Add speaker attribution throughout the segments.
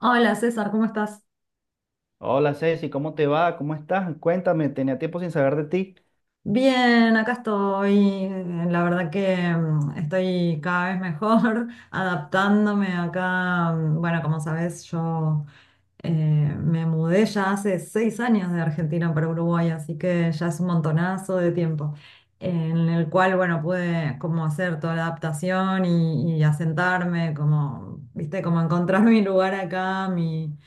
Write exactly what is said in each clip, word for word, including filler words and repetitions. Speaker 1: Hola César, ¿cómo estás?
Speaker 2: Hola Ceci, ¿cómo te va? ¿Cómo estás? Cuéntame, tenía tiempo sin saber de ti.
Speaker 1: Bien, acá estoy. eh, La verdad que mm, estoy cada vez mejor adaptándome acá. mm, Bueno, como sabes, yo eh, me mudé ya hace seis años de Argentina para Uruguay, así que ya es un montonazo de tiempo, en el cual, bueno, pude como hacer toda la adaptación y, y asentarme, como, viste, como encontrar mi lugar acá, mi.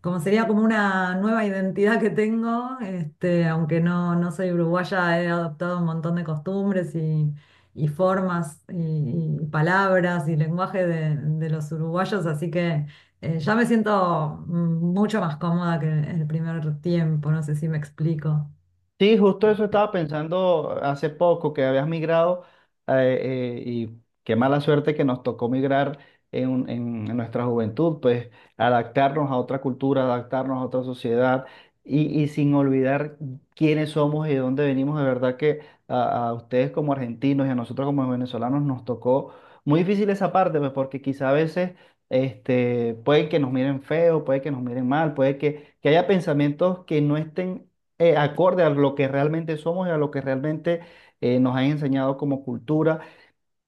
Speaker 1: Como sería como una nueva identidad que tengo, este, aunque no, no soy uruguaya, he adoptado un montón de costumbres y, y formas y, y palabras y lenguaje de, de los uruguayos, así que eh, ya me siento mm, mucho más cómoda que el primer tiempo, no sé si me explico.
Speaker 2: Sí, justo eso estaba pensando hace poco, que habías migrado eh, eh, y qué mala suerte que nos tocó migrar en, un- en- en nuestra juventud, pues adaptarnos a otra cultura, adaptarnos a otra sociedad y, y sin olvidar quiénes somos y de dónde venimos. De verdad que a, a ustedes como argentinos y a nosotros como venezolanos nos tocó muy difícil esa parte, pues porque quizá a veces este, puede que nos miren feo, puede que nos miren mal, puede que, que haya pensamientos que no estén eh, acorde a lo que realmente somos y a lo que realmente eh, nos han enseñado como cultura.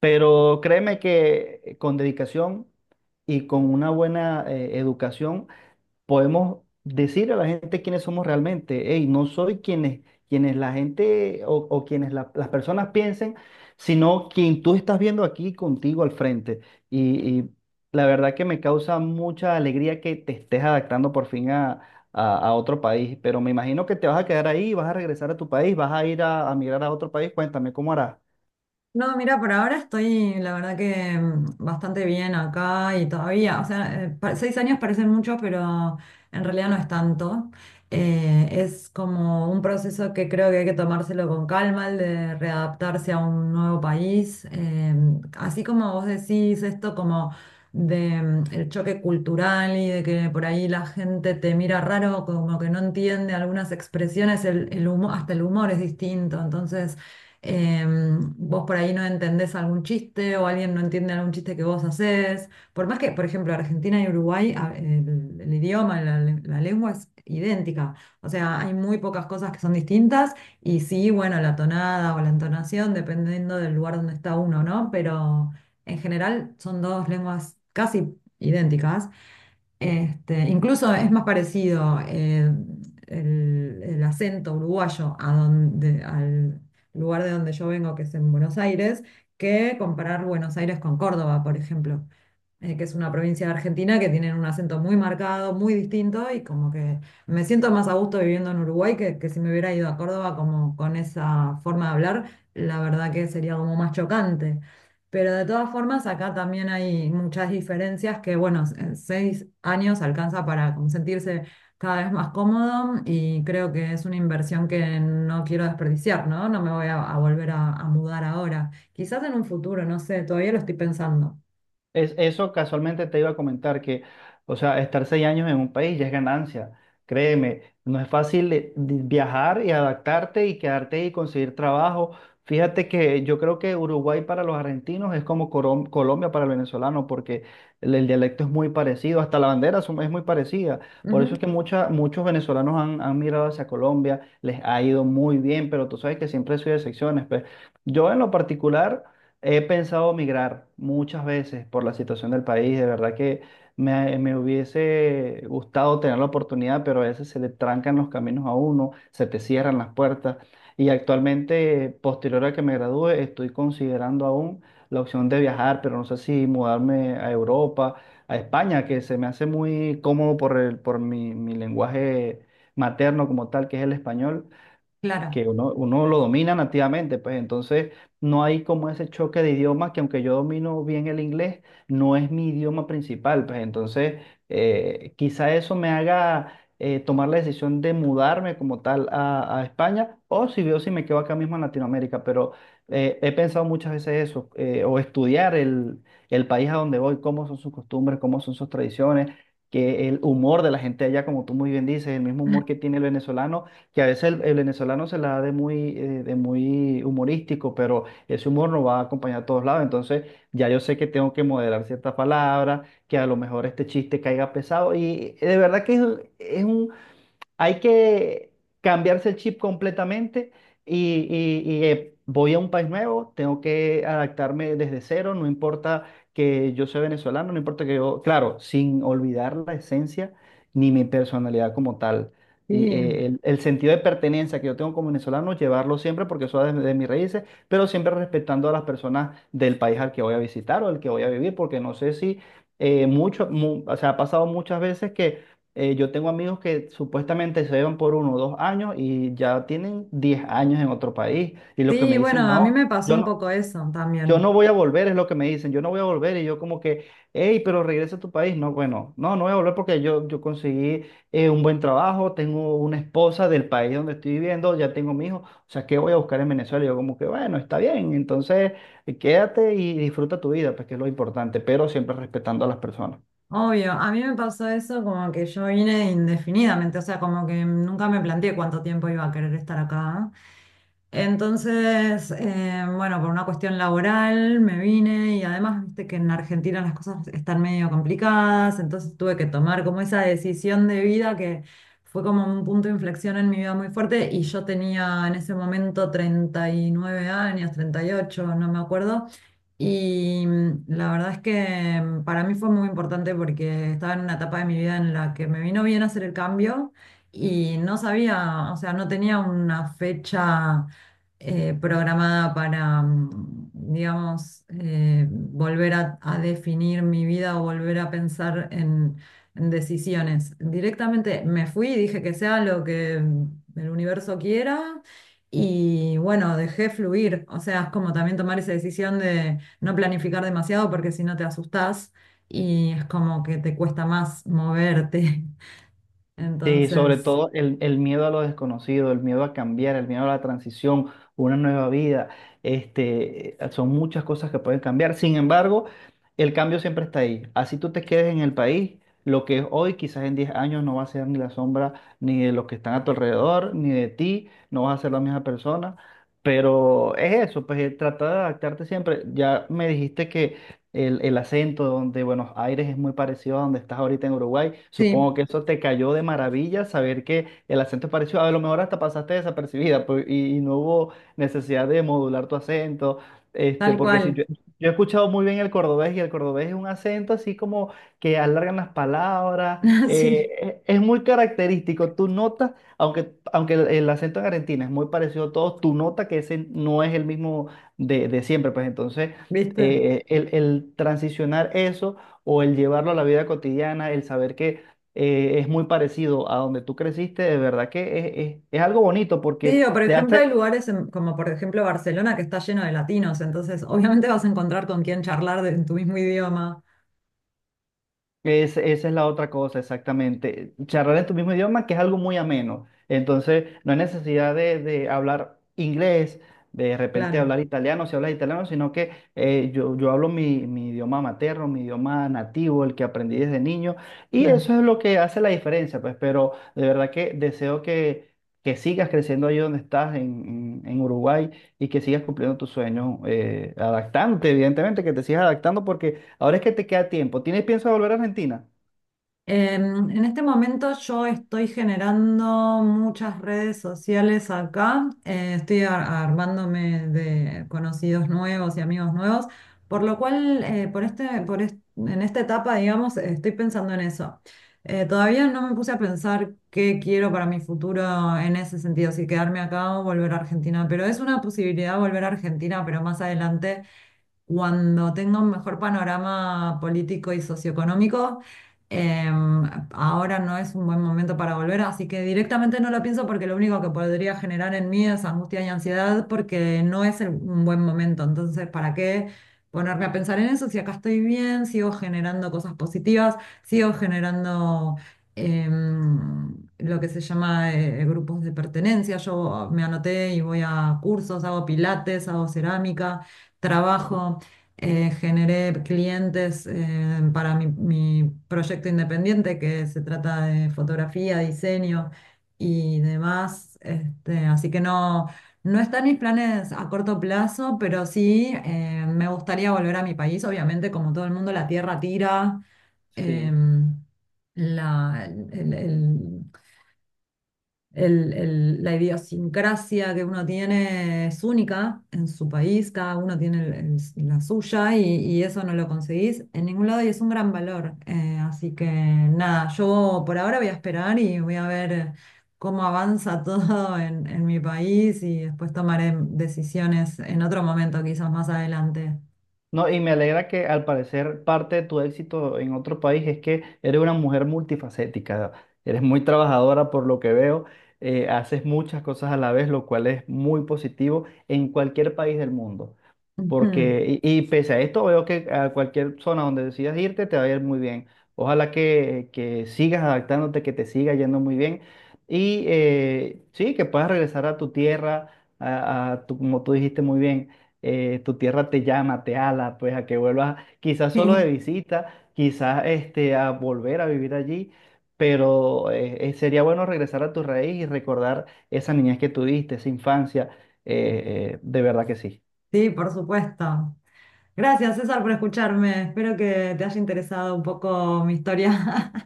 Speaker 2: Pero créeme que eh, con dedicación y con una buena eh, educación podemos decir a la gente quiénes somos realmente. Hey, no soy quienes, quienes la gente o, o quienes la- las personas piensen, sino quien tú estás viendo aquí contigo al frente. Y, y la verdad que me causa mucha alegría que te estés adaptando por fin a, a- a otro país, pero me imagino que te vas a quedar ahí, vas a regresar a tu país, vas a ir a, a migrar a otro país. Cuéntame, ¿cómo harás?
Speaker 1: No, mira, por ahora estoy, la verdad que mm, bastante bien acá y todavía, o sea, eh, pa- seis años parecen muchos, pero en realidad no es tanto. Eh, es como un proceso que creo que hay que tomárselo con calma, el de readaptarse a un nuevo país. Eh, así como vos decís esto, como de mm, el choque cultural y de que por ahí la gente te mira raro, como que no entiende algunas expresiones, el, el humo- hasta el humor es distinto, entonces eh, vos por ahí no entendés algún chiste o alguien no entiende algún chiste que vos haces. Por más que, por ejemplo, Argentina y Uruguay, a- el, el idioma, la, la lengua es idéntica. O sea, hay muy pocas cosas que son distintas y sí, bueno, la tonada o la entonación, dependiendo del lugar donde está uno, ¿no? Pero en general son dos lenguas casi idénticas. Este, incluso es más parecido eh, el, el acento uruguayo a donde, al lugar de donde yo vengo, que es en Buenos Aires, que comparar Buenos Aires con Córdoba, por ejemplo, eh, que es una provincia de Argentina que tienen un acento muy marcado, muy distinto, y como que me siento más a gusto viviendo en Uruguay que, que si me hubiera ido a Córdoba como con esa forma de hablar, la verdad que sería como más chocante. Pero de todas formas, acá también hay muchas diferencias que, bueno, en seis años alcanza para como sentirse cada vez más cómodo y creo que es una inversión que no quiero desperdiciar, ¿no? No me voy a, a volver a, a mudar ahora. Quizás en un futuro, no sé, todavía lo estoy pensando.
Speaker 2: Es, eso casualmente te iba a comentar que, o sea, estar seis años en un país ya es ganancia. Créeme, no es fácil de- de viajar y adaptarte y quedarte y conseguir trabajo. Fíjate que yo creo que Uruguay para los argentinos es como Corom- Colombia para el venezolano, porque el, el dialecto es muy parecido, hasta la bandera es es muy parecida. Por eso es
Speaker 1: Ujú.
Speaker 2: que mucha- muchos venezolanos han, han migrado hacia Colombia, les ha ido muy bien, pero tú sabes que siempre soy de excepciones. Pues yo en lo particular. He pensado migrar muchas veces por la situación del país. De verdad que me, me hubiese gustado tener la oportunidad, pero a veces se le trancan los caminos a uno, se te cierran las puertas. Y actualmente, posterior a que me gradúe, estoy considerando aún la opción de viajar, pero no sé si mudarme a Europa, a España, que se me hace muy cómodo por el, por mi, mi lenguaje materno como tal, que es el español que
Speaker 1: Claro.
Speaker 2: uno, uno lo domina nativamente, pues entonces no hay como ese choque de idiomas que aunque yo domino bien el inglés, no es mi idioma principal, pues entonces eh, quizá eso me haga eh, tomar la decisión de mudarme como tal a, a España o si veo si me quedo acá mismo en Latinoamérica, pero eh, he pensado muchas veces eso, eh, o estudiar el, el país a donde voy, cómo son sus costumbres, cómo son sus tradiciones, que el humor de la gente allá, como tú muy bien dices, el mismo humor que tiene el venezolano que a veces el, el venezolano se la da de muy, eh, de muy humorístico, pero ese humor no va a acompañar a todos lados. Entonces, ya yo sé que tengo que moderar ciertas palabras, que a lo mejor este chiste caiga pesado. Y de verdad que es, un- es un, hay que cambiarse el chip completamente y, y- y, eh, voy a un país nuevo, tengo que adaptarme desde cero, no importa que yo sea venezolano, no importa que yo, claro, sin olvidar la esencia ni mi personalidad como tal. Y,
Speaker 1: Sí,
Speaker 2: eh, el, el sentido de pertenencia que yo tengo como venezolano, llevarlo siempre porque eso es de, de mis raíces, pero siempre respetando a las personas del país al que voy a visitar o al que voy a vivir, porque no sé si eh, mucho, mu- o sea, ha pasado muchas veces que eh, yo tengo amigos que supuestamente se llevan por uno o dos años y ya tienen diez años en otro país. Y lo que me
Speaker 1: sí,
Speaker 2: dicen,
Speaker 1: bueno, a mí
Speaker 2: no,
Speaker 1: me pasó
Speaker 2: yo
Speaker 1: un
Speaker 2: no,
Speaker 1: poco eso
Speaker 2: yo
Speaker 1: también.
Speaker 2: no voy a volver, es lo que me dicen, yo no voy a volver. Y yo como que, hey, pero regresa a tu país. No, bueno, no, no voy a volver porque yo, yo conseguí eh, un buen trabajo, tengo una esposa del país donde estoy viviendo, ya tengo mi hijo. O sea, ¿qué voy a buscar en Venezuela? Y yo como que, bueno, está bien, entonces eh, quédate y disfruta tu vida, pues que es lo importante, pero siempre respetando a las personas.
Speaker 1: Obvio, a mí me pasó eso como que yo vine indefinidamente, o sea, como que nunca me planteé cuánto tiempo iba a querer estar acá. Entonces, eh, bueno, por una cuestión laboral me vine y además, viste que en Argentina las cosas están medio complicadas, entonces tuve que tomar como esa decisión de vida que fue como un punto de inflexión en mi vida muy fuerte y yo tenía en ese momento treinta y nueve años, treinta y ocho, no me acuerdo. Y mm, la verdad es que mm, para mí fue muy importante porque estaba en una etapa de mi vida en la que me vino bien hacer el cambio y no sabía, o sea, no tenía una fecha eh, programada para, mm, digamos, eh, volver a, a definir mi vida o volver a pensar en, en decisiones. Directamente me fui y dije que sea lo que mm, el universo quiera y bueno, dejé fluir. O sea, es como también tomar esa decisión de no planificar demasiado porque si no te asustás y es como que te cuesta más moverte.
Speaker 2: Sí, sobre
Speaker 1: Entonces,
Speaker 2: todo el, el miedo a lo desconocido, el miedo a cambiar, el miedo a la transición, una nueva vida, este, son muchas cosas que pueden cambiar. Sin embargo, el cambio siempre está ahí. Así tú te quedes en el país, lo que es hoy, quizás en diez años no va a ser ni la sombra ni de los que están a tu alrededor, ni de ti, no vas a ser la misma persona. Pero es eso, pues eh, tratar de adaptarte siempre. Ya me dijiste que el, el acento, donde Buenos Aires es muy parecido a donde estás ahorita en Uruguay.
Speaker 1: sí,
Speaker 2: Supongo que eso te cayó de maravilla saber que el acento es parecido. A lo mejor hasta pasaste desapercibida pues, y, y no hubo necesidad de modular tu acento. Este,
Speaker 1: tal
Speaker 2: porque sí,
Speaker 1: cual.
Speaker 2: yo, yo he escuchado muy bien el cordobés y el cordobés es un acento así como que alargan las palabras,
Speaker 1: Sí,
Speaker 2: eh, es es muy característico. Tú notas, aunque, aunque el, el acento en Argentina es muy parecido a todos, tú notas que ese no es el mismo de, de siempre. Pues entonces,
Speaker 1: ¿viste?
Speaker 2: eh, el, el transicionar eso o el llevarlo a la vida cotidiana, el saber que eh, es muy parecido a donde tú creciste, de verdad que es, es- es algo bonito porque
Speaker 1: Sí, o por
Speaker 2: te
Speaker 1: ejemplo
Speaker 2: hace,
Speaker 1: hay lugares en- como por ejemplo Barcelona que está lleno de latinos, entonces obviamente vas a encontrar con quién charlar de- en tu mismo idioma.
Speaker 2: Es, esa es la otra cosa, exactamente. Charlar en tu mismo idioma, que es algo muy ameno. Entonces, no hay necesidad de, de hablar inglés, de repente
Speaker 1: Claro,
Speaker 2: hablar italiano, si hablas italiano, sino que eh, yo, yo hablo mi, mi idioma materno, mi idioma nativo, el que aprendí desde niño, y
Speaker 1: claro.
Speaker 2: eso es lo que hace la diferencia, pues, pero de verdad que deseo que, que sigas creciendo ahí donde estás, en, en- en Uruguay, y que sigas cumpliendo tus sueños, eh, adaptándote, evidentemente, que te sigas adaptando porque... Ahora es que te queda tiempo. ¿Tienes pienso de volver a Argentina?
Speaker 1: Em, en este momento yo estoy generando muchas redes sociales acá, eh, estoy ar- armándome de conocidos nuevos y amigos nuevos, por lo cual eh, por este, por est- en esta etapa, digamos, eh, estoy pensando en eso. Eh, todavía no me puse a pensar qué quiero para mi futuro en ese sentido, si quedarme acá o volver a Argentina, pero es una posibilidad volver a Argentina, pero más adelante cuando tenga un mejor panorama político y socioeconómico, em, ahora no es un buen momento para volver, así que directamente no lo pienso porque lo único que podría generar en mí es angustia y ansiedad porque no es el- un buen momento. Entonces, ¿para qué ponerme a pensar en eso si acá estoy bien, sigo generando cosas positivas, sigo generando... em, lo que se llama eh, grupos de pertenencia. Yo me anoté y voy a cursos, hago pilates, hago cerámica, trabajo, eh, generé clientes eh, para mi, mi proyecto independiente que se trata de fotografía, diseño y demás. Este, así que no, no están mis planes a corto plazo, pero sí eh, me gustaría volver a mi país. Obviamente, como todo el mundo, la tierra tira.
Speaker 2: Sí,
Speaker 1: Em, la, el, el- el- el- la idiosincrasia que uno tiene es única en su país, cada uno tiene el- el- la suya y, y eso no lo conseguís en ningún lado y es un gran valor. Eh, así que nada, yo por ahora voy a esperar y voy a ver cómo avanza todo en, en mi país y después tomaré decisiones en otro momento, quizás más adelante.
Speaker 2: no, y me alegra que al parecer parte de tu éxito en otro país es que eres una mujer multifacética, eres muy trabajadora por lo que veo, eh, haces muchas cosas a la vez, lo cual es muy positivo en cualquier país del mundo.
Speaker 1: Ujú.
Speaker 2: Porque, y, y pese a esto, veo que a cualquier zona donde decidas irte te va a ir muy bien. Ojalá que, que sigas adaptándote, que te siga yendo muy bien. Y eh, sí, que puedas regresar a tu tierra, a, a tu, como tú dijiste muy bien, eh, tu tierra te llama, te ala, pues a que vuelvas, quizás solo de
Speaker 1: Sí,
Speaker 2: visita, quizás este, a volver a vivir allí. Pero eh, eh, sería bueno regresar a tu raíz y recordar esa niñez que tuviste, esa infancia. Eh, eh, de verdad que sí.
Speaker 1: sí, por supuesto. Gracias, César, por escucharme. Espero que te haya interesado un poco mi historia.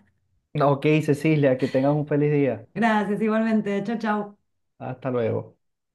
Speaker 2: No, ok, Cecilia, que tengas un feliz día.
Speaker 1: Gracias, igualmente. Chao, chao.
Speaker 2: Hasta luego.